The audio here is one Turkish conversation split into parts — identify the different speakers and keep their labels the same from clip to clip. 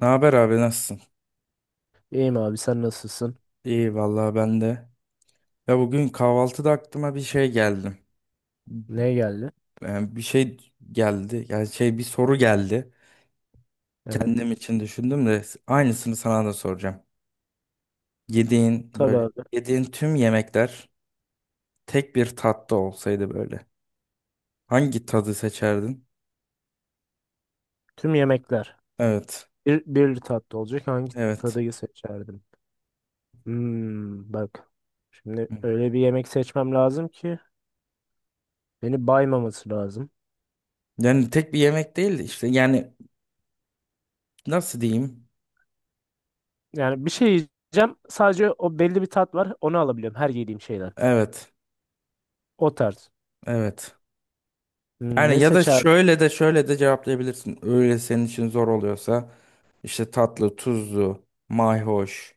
Speaker 1: Ne haber abi, nasılsın?
Speaker 2: İyiyim abi sen nasılsın?
Speaker 1: İyi vallahi, ben de. Ya bugün kahvaltıda aklıma bir şey geldi.
Speaker 2: Ne geldi?
Speaker 1: Yani bir şey geldi. Yani bir soru geldi.
Speaker 2: Evet.
Speaker 1: Kendim için düşündüm de aynısını sana da soracağım. Yediğin
Speaker 2: Tabii
Speaker 1: böyle
Speaker 2: abi.
Speaker 1: Yediğin tüm yemekler tek bir tatta olsaydı böyle. Hangi tadı seçerdin?
Speaker 2: Tüm yemekler.
Speaker 1: Evet.
Speaker 2: Bir tatlı olacak. Hangi
Speaker 1: Evet.
Speaker 2: tadıyı seçerdim? Bak. Şimdi öyle bir yemek seçmem lazım ki beni baymaması lazım.
Speaker 1: Yani tek bir yemek değil de işte yani nasıl diyeyim?
Speaker 2: Yani bir şey yiyeceğim. Sadece o belli bir tat var. Onu alabiliyorum. Her yediğim şeyden.
Speaker 1: Evet.
Speaker 2: O tarz.
Speaker 1: Evet. Yani
Speaker 2: Ne
Speaker 1: ya da
Speaker 2: seçerdim?
Speaker 1: şöyle de şöyle de cevaplayabilirsin. Öyle senin için zor oluyorsa işte tatlı, tuzlu, mayhoş,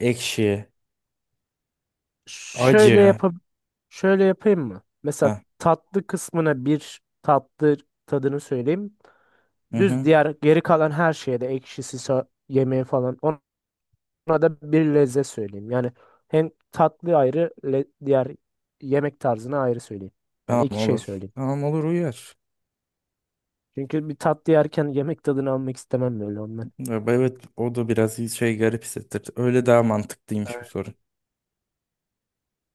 Speaker 1: ekşi,
Speaker 2: Şöyle
Speaker 1: acı.
Speaker 2: yapıp şöyle yapayım mı? Mesela
Speaker 1: Heh,
Speaker 2: tatlı kısmına bir tatlı tadını söyleyeyim.
Speaker 1: hı
Speaker 2: Düz
Speaker 1: hı.
Speaker 2: diğer geri kalan her şeye de ekşisi, yemeği falan ona da bir lezzet söyleyeyim. Yani hem tatlı ayrı diğer yemek tarzına ayrı söyleyeyim. Yani
Speaker 1: Tamam
Speaker 2: iki şey
Speaker 1: olur.
Speaker 2: söyleyeyim.
Speaker 1: Tamam olur, uyar.
Speaker 2: Çünkü bir tatlı yerken yemek tadını almak istemem böyle ondan.
Speaker 1: Ya, evet, o da biraz şey, garip hissettir. Öyle daha mantıklıymış bu
Speaker 2: Evet.
Speaker 1: soru.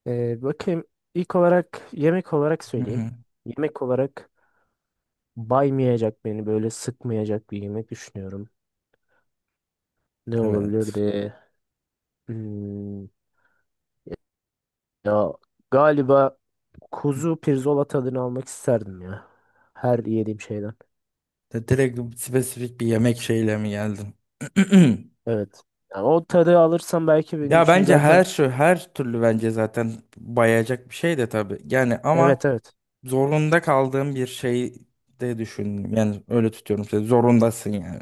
Speaker 2: Bakayım ilk olarak yemek olarak
Speaker 1: Hı
Speaker 2: söyleyeyim.
Speaker 1: hı.
Speaker 2: Yemek olarak baymayacak beni böyle sıkmayacak bir yemek düşünüyorum. Ne
Speaker 1: Evet.
Speaker 2: olabilirdi? Hmm, Ya galiba kuzu pirzola tadını almak isterdim ya. Her yediğim şeyden.
Speaker 1: De direkt spesifik bir yemek şeyle mi geldin?
Speaker 2: Evet. Yani o tadı alırsam belki benim
Speaker 1: Ya
Speaker 2: için
Speaker 1: bence
Speaker 2: zaten.
Speaker 1: her şu her türlü, bence zaten bayacak bir şey de tabii. Yani ama
Speaker 2: Evet, evet.
Speaker 1: zorunda kaldığım bir şey de düşün. Yani öyle tutuyorum seni. Zorundasın yani.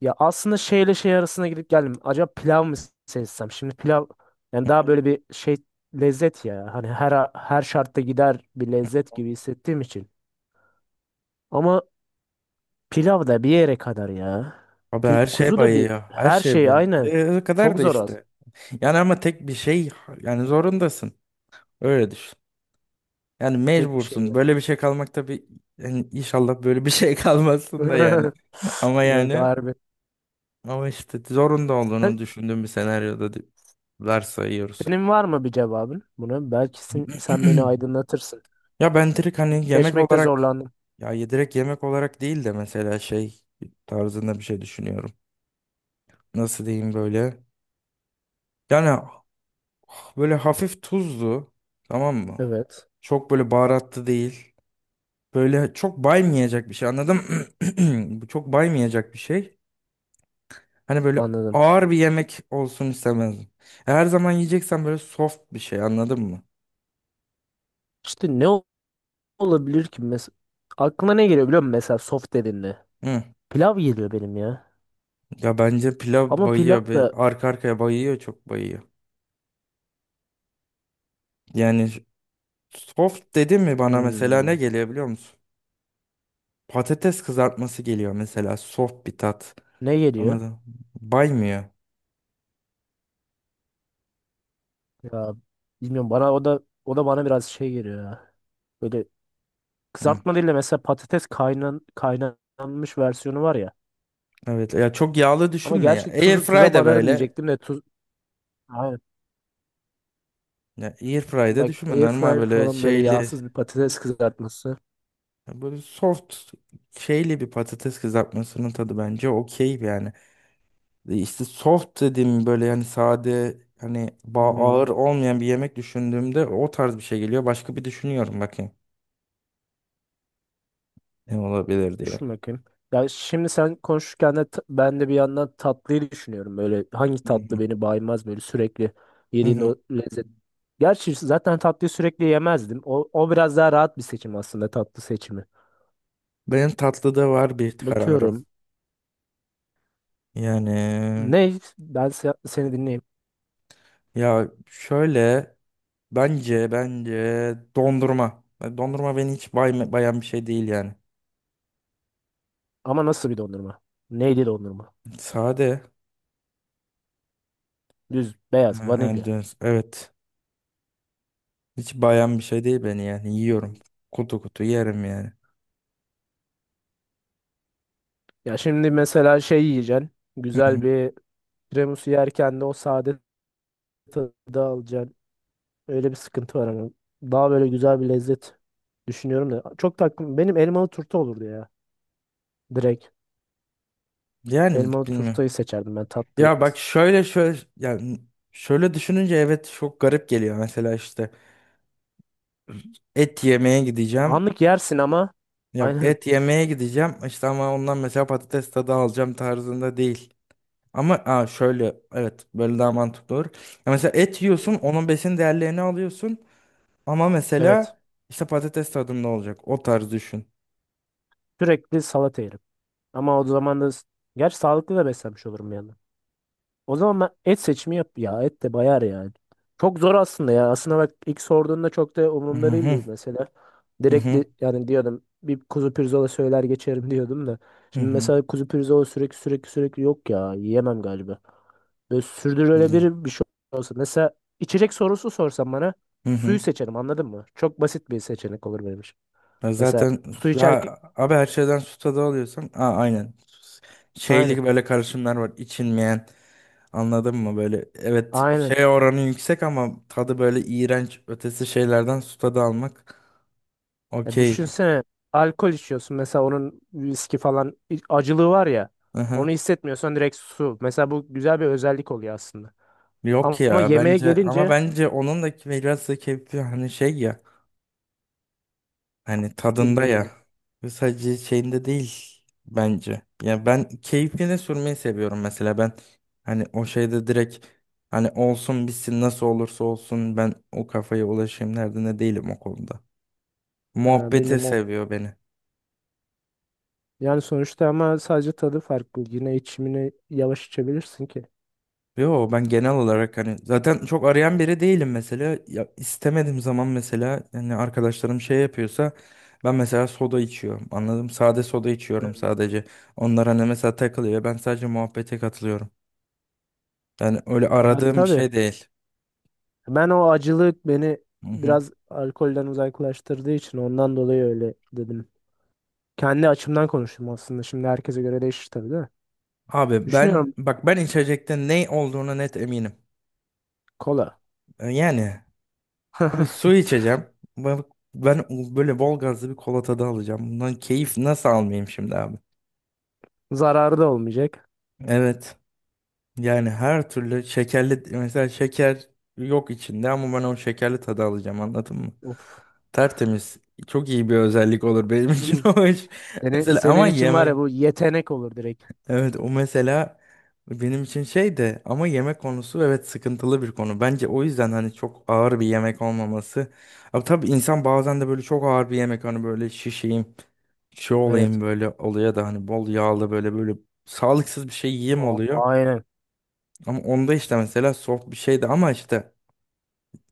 Speaker 2: Ya aslında şeyle şey arasına gidip geldim. Acaba pilav mı seçsem? Şimdi pilav yani daha böyle bir şey lezzet ya. Hani her şartta gider bir lezzet gibi hissettiğim için. Ama pilav da bir yere kadar ya.
Speaker 1: Abi, her şey
Speaker 2: Kuzu da bir
Speaker 1: bayıyor. Her
Speaker 2: her
Speaker 1: şey
Speaker 2: şey
Speaker 1: bayıyor.
Speaker 2: aynı.
Speaker 1: Ya o kadar
Speaker 2: Çok
Speaker 1: da
Speaker 2: zor az.
Speaker 1: işte. Yani ama tek bir şey, yani zorundasın. Öyle düşün. Yani
Speaker 2: Tek bir şey
Speaker 1: mecbursun.
Speaker 2: ya.
Speaker 1: Böyle bir şey kalmak tabii, yani inşallah böyle bir şey kalmazsın da yani. Ama
Speaker 2: Yok
Speaker 1: yani,
Speaker 2: harbi.
Speaker 1: ama işte zorunda olduğunu düşündüğüm bir senaryoda varsayıyoruz.
Speaker 2: Senin var mı bir cevabın buna? Belki sen beni aydınlatırsın.
Speaker 1: Ya ben direkt hani yemek
Speaker 2: Seçmekte
Speaker 1: olarak
Speaker 2: zorlandım.
Speaker 1: Ya direkt yemek olarak değil de mesela şey tarzında bir şey düşünüyorum. Nasıl diyeyim böyle? Yani böyle hafif tuzlu, tamam mı?
Speaker 2: Evet,
Speaker 1: Çok böyle baharatlı değil. Böyle çok baymayacak bir şey, anladım. Bu çok baymayacak bir şey. Hani böyle
Speaker 2: anladım.
Speaker 1: ağır bir yemek olsun istemezdim. Her zaman yiyeceksen böyle soft bir şey, anladın mı?
Speaker 2: İşte olabilir ki mesela? Aklıma ne geliyor biliyor musun mesela soft dediğinde?
Speaker 1: Hı.
Speaker 2: Pilav geliyor benim ya.
Speaker 1: Ya bence pilav
Speaker 2: Ama pilav
Speaker 1: bayıyor
Speaker 2: da
Speaker 1: be. Arka arkaya bayıyor, çok bayıyor. Yani, soft dedin mi bana mesela ne
Speaker 2: hmm,
Speaker 1: geliyor biliyor musun? Patates kızartması geliyor mesela, soft bir tat.
Speaker 2: ne geliyor?
Speaker 1: Anladım. Baymıyor.
Speaker 2: Ya bilmiyorum, bana o da bana biraz şey geliyor ya. Böyle
Speaker 1: Hı.
Speaker 2: kızartma değil de mesela patates kaynanmış versiyonu var ya.
Speaker 1: Evet, ya çok yağlı
Speaker 2: Ama
Speaker 1: düşünme ya.
Speaker 2: gerçi
Speaker 1: Airfry
Speaker 2: tuza
Speaker 1: de
Speaker 2: banarım
Speaker 1: böyle.
Speaker 2: diyecektim de tuz, aynen.
Speaker 1: Ya airfry de
Speaker 2: Bak
Speaker 1: düşünme, normal
Speaker 2: airfryer
Speaker 1: böyle
Speaker 2: falan böyle
Speaker 1: şeyli,
Speaker 2: yağsız bir patates kızartması.
Speaker 1: böyle soft şeyli bir patates kızartmasının tadı bence okey yani. E İşte soft dediğim böyle yani sade, hani
Speaker 2: Hmm,
Speaker 1: ağır olmayan bir yemek düşündüğümde o tarz bir şey geliyor. Başka bir düşünüyorum bakayım ne olabilir diye.
Speaker 2: düşün bakayım. Ya şimdi sen konuşurken de ben de bir yandan tatlıyı düşünüyorum. Böyle hangi
Speaker 1: Hı
Speaker 2: tatlı
Speaker 1: hı.
Speaker 2: beni baymaz böyle sürekli
Speaker 1: Hı
Speaker 2: yediğin
Speaker 1: hı.
Speaker 2: o lezzet. Gerçi zaten tatlıyı sürekli yemezdim. O biraz daha rahat bir seçim aslında tatlı seçimi.
Speaker 1: Benim tatlıda var bir kararım.
Speaker 2: Bakıyorum.
Speaker 1: Yani
Speaker 2: Ne? Ben seni dinleyeyim.
Speaker 1: ya şöyle, bence dondurma. Dondurma beni hiç bayan bir şey değil yani.
Speaker 2: Ama nasıl bir dondurma? Neydi dondurma?
Speaker 1: Sade.
Speaker 2: Düz, beyaz,
Speaker 1: Ha,
Speaker 2: vanilya.
Speaker 1: evet. Hiç bayan bir şey değil beni yani. Yiyorum. Kutu kutu yerim yani.
Speaker 2: Ya şimdi mesela şey yiyeceksin.
Speaker 1: Hı hı.
Speaker 2: Güzel bir tiramisu yerken de o sade tadı alacaksın. Öyle bir sıkıntı var hani. Daha böyle güzel bir lezzet düşünüyorum da. Çok takım benim elmalı turta olurdu ya. Direkt
Speaker 1: Yani
Speaker 2: elmalı
Speaker 1: bilmiyorum.
Speaker 2: turtayı seçerdim ben tatlı.
Speaker 1: Ya bak, şöyle yani, şöyle düşününce evet, çok garip geliyor. Mesela işte et yemeye gideceğim.
Speaker 2: Anlık yersin ama
Speaker 1: Yok,
Speaker 2: aynen.
Speaker 1: et yemeye gideceğim işte, ama ondan mesela patates tadı alacağım tarzında değil. Ama aa, şöyle evet, böyle daha mantıklı olur. Ya mesela et yiyorsun, onun besin değerlerini alıyorsun, ama
Speaker 2: Evet.
Speaker 1: mesela işte patates tadında olacak, o tarz düşün.
Speaker 2: Sürekli salata yerim. Ama o zaman da gerçi sağlıklı da beslenmiş olurum yani. O zaman ben et seçimi yap ya. Et de bayar yani. Çok zor aslında ya. Aslında bak ilk sorduğunda çok da
Speaker 1: Hı
Speaker 2: umurumda
Speaker 1: hı,
Speaker 2: değildi mesela.
Speaker 1: hı
Speaker 2: Direkt
Speaker 1: hı,
Speaker 2: yani diyordum bir kuzu pirzola söyler geçerim diyordum da.
Speaker 1: hı
Speaker 2: Şimdi
Speaker 1: hı.
Speaker 2: mesela kuzu pirzola sürekli sürekli yok ya. Yiyemem galiba. Böyle
Speaker 1: Hı
Speaker 2: sürdürülebilir bir şey olsa. Mesela içecek sorusu sorsan bana
Speaker 1: hı. Hı.
Speaker 2: suyu seçerim, anladın mı? Çok basit bir seçenek olur benim için.
Speaker 1: Ya
Speaker 2: Mesela
Speaker 1: zaten,
Speaker 2: su
Speaker 1: ya
Speaker 2: içerken
Speaker 1: abi, her şeyden su tadı alıyorsan aa, aynen,
Speaker 2: aynen.
Speaker 1: şeylik böyle karışımlar var içilmeyen. Anladın mı? Böyle evet,
Speaker 2: Aynen.
Speaker 1: şey oranı yüksek ama tadı böyle iğrenç ötesi şeylerden su tadı almak.
Speaker 2: Ya
Speaker 1: Okey.
Speaker 2: düşünsene alkol içiyorsun mesela onun viski falan acılığı var ya,
Speaker 1: Aha.
Speaker 2: onu hissetmiyorsan direkt su. Mesela bu güzel bir özellik oluyor aslında.
Speaker 1: Yok
Speaker 2: Ama
Speaker 1: ya,
Speaker 2: yemeğe
Speaker 1: bence ama,
Speaker 2: gelince
Speaker 1: bence onun da biraz da keyfi, hani şey ya, hani tadında
Speaker 2: bilmiyorum yani.
Speaker 1: ya, sadece şeyinde değil bence. Ya ben keyfini sürmeyi seviyorum mesela, ben hani o şeyde direkt hani olsun bitsin, nasıl olursa olsun ben o kafaya ulaşayım derdinde değilim o konuda. Muhabbeti
Speaker 2: Bilmiyorum o.
Speaker 1: seviyor beni.
Speaker 2: Yani sonuçta ama sadece tadı farklı. Yine içimini yavaş içebilirsin ki.
Speaker 1: Yo, ben genel olarak hani zaten çok arayan biri değilim mesela. Ya istemediğim zaman mesela hani arkadaşlarım şey yapıyorsa, ben mesela soda içiyorum. Anladım. Sade soda içiyorum
Speaker 2: Evet.
Speaker 1: sadece. Onlar hani mesela takılıyor. Ben sadece muhabbete katılıyorum. Yani öyle
Speaker 2: Ya
Speaker 1: aradığım bir
Speaker 2: tabii.
Speaker 1: şey değil.
Speaker 2: Ben o acılık beni
Speaker 1: Hı hı.
Speaker 2: biraz alkolden uzaklaştırdığı için ondan dolayı öyle dedim. Kendi açımdan konuştum aslında. Şimdi herkese göre değişir tabii de.
Speaker 1: Abi, ben
Speaker 2: Düşünüyorum
Speaker 1: bak, ben içecekte ne olduğuna net eminim.
Speaker 2: kola.
Speaker 1: E yani abi, su içeceğim. Ben, ben böyle bol gazlı bir kola tadı alacağım. Bundan keyif nasıl almayayım şimdi abi?
Speaker 2: Zararı da olmayacak.
Speaker 1: Evet. Yani her türlü şekerli, mesela şeker yok içinde ama ben o şekerli tadı alacağım, anladın mı?
Speaker 2: Uf.
Speaker 1: Tertemiz. Çok iyi bir özellik olur benim için
Speaker 2: Hı.
Speaker 1: o iş.
Speaker 2: Senin,
Speaker 1: Mesela
Speaker 2: senin
Speaker 1: ama
Speaker 2: için var ya,
Speaker 1: yemek,
Speaker 2: bu yetenek olur direkt.
Speaker 1: evet, o mesela benim için şey de, ama yemek konusu evet, sıkıntılı bir konu. Bence o yüzden hani çok ağır bir yemek olmaması. Ama tabii insan bazen de böyle çok ağır bir yemek, hani böyle şişeyim, şey olayım
Speaker 2: Evet.
Speaker 1: böyle oluyor da, hani bol yağlı böyle böyle sağlıksız bir şey yiyeyim oluyor.
Speaker 2: Aynen.
Speaker 1: Ama onda işte mesela soft bir şeydi, ama işte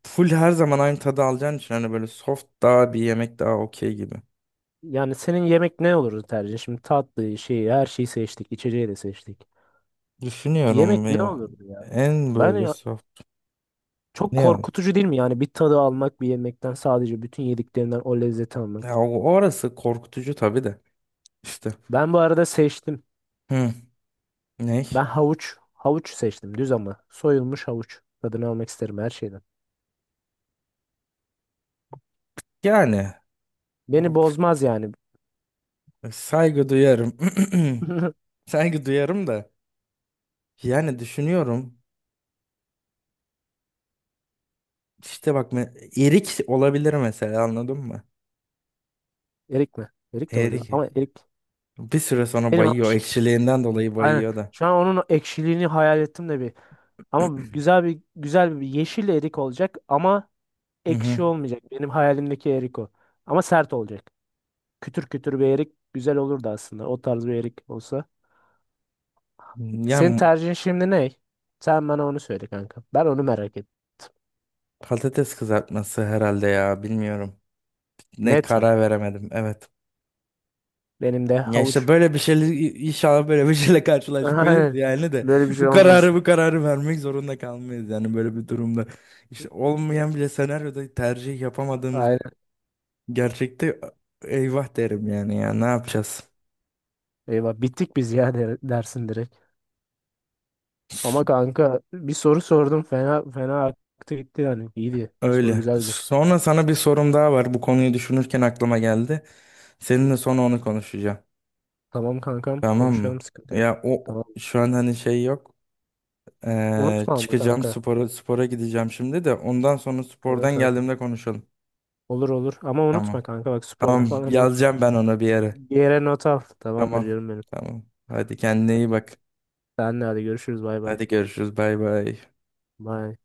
Speaker 1: full her zaman aynı tadı alacağın için hani böyle soft daha, bir yemek daha okey gibi.
Speaker 2: Yani senin yemek ne olurdu tercih? Şimdi tatlı şeyi her şeyi seçtik. İçeceği de seçtik.
Speaker 1: Düşünüyorum
Speaker 2: Yemek
Speaker 1: ve
Speaker 2: ne
Speaker 1: ya
Speaker 2: olurdu ya?
Speaker 1: en
Speaker 2: Ben
Speaker 1: böyle soft,
Speaker 2: çok
Speaker 1: ne ya?
Speaker 2: korkutucu değil mi yani bir tadı almak bir yemekten sadece bütün yediklerinden o lezzeti
Speaker 1: Ya
Speaker 2: almak.
Speaker 1: orası korkutucu tabii de işte.
Speaker 2: Ben bu arada seçtim.
Speaker 1: Hı, ne?
Speaker 2: Ben havuç. Havuç seçtim düz ama. Soyulmuş havuç. Tadını almak isterim her şeyden.
Speaker 1: Yani
Speaker 2: Beni
Speaker 1: of,
Speaker 2: bozmaz yani.
Speaker 1: saygı duyarım. Saygı duyarım da yani düşünüyorum işte bak, erik olabilir mesela, anladın mı?
Speaker 2: Erik mi? Erik de olabilir
Speaker 1: Erik
Speaker 2: ama erik.
Speaker 1: bir süre sonra
Speaker 2: Benim
Speaker 1: bayıyor,
Speaker 2: havuç
Speaker 1: ekşiliğinden dolayı
Speaker 2: aynen.
Speaker 1: bayıyor da.
Speaker 2: Şu an onun ekşiliğini hayal ettim de bir. Ama güzel bir yeşil erik olacak ama
Speaker 1: Hı hı.
Speaker 2: ekşi olmayacak. Benim hayalimdeki erik o. Ama sert olacak. Kütür kütür bir erik güzel olurdu aslında. O tarz bir erik olsa.
Speaker 1: Ya
Speaker 2: Senin tercihin şimdi ne? Sen bana onu söyle kanka. Ben onu merak ettim.
Speaker 1: patates kızartması herhalde ya, bilmiyorum. Ne,
Speaker 2: Net mi?
Speaker 1: karar veremedim evet.
Speaker 2: Benim de
Speaker 1: Ya işte
Speaker 2: havuç.
Speaker 1: böyle bir şeyle inşallah böyle bir şeyle karşılaşmayız
Speaker 2: Aynen.
Speaker 1: yani, de
Speaker 2: Böyle bir
Speaker 1: bu
Speaker 2: şey
Speaker 1: kararı
Speaker 2: olmasın.
Speaker 1: bu kararı vermek zorunda kalmayız yani, böyle bir durumda. İşte olmayan bile senaryoda tercih yapamadığımız,
Speaker 2: Aynen.
Speaker 1: gerçekte eyvah derim yani, ya ne yapacağız?
Speaker 2: Eyvah bittik biz ya, dersin direkt. Ama kanka bir soru sordum, fena fena aktı gitti yani. İyiydi. Soru
Speaker 1: Öyle.
Speaker 2: güzeldi.
Speaker 1: Sonra sana bir sorum daha var. Bu konuyu düşünürken aklıma geldi. Seninle sonra onu konuşacağım.
Speaker 2: Tamam kankam,
Speaker 1: Tamam
Speaker 2: konuşalım,
Speaker 1: mı?
Speaker 2: sıkıntı yok.
Speaker 1: Ya o
Speaker 2: Tamam.
Speaker 1: şu an hani şey yok.
Speaker 2: Unutma ama
Speaker 1: Çıkacağım,
Speaker 2: kanka.
Speaker 1: spora gideceğim şimdi de, ondan sonra
Speaker 2: Tamam,
Speaker 1: spordan
Speaker 2: tamam.
Speaker 1: geldiğimde konuşalım.
Speaker 2: Olur, olur ama unutma
Speaker 1: Tamam.
Speaker 2: kanka, bak sporda
Speaker 1: Tamam,
Speaker 2: falan unutma.
Speaker 1: yazacağım ben ona bir yere.
Speaker 2: Bir yere not al. Tamamdır
Speaker 1: Tamam.
Speaker 2: canım benim.
Speaker 1: Tamam. Hadi, kendine iyi bak.
Speaker 2: Senle hadi görüşürüz, bay bay.
Speaker 1: Hadi görüşürüz. Bay bay.
Speaker 2: Bay.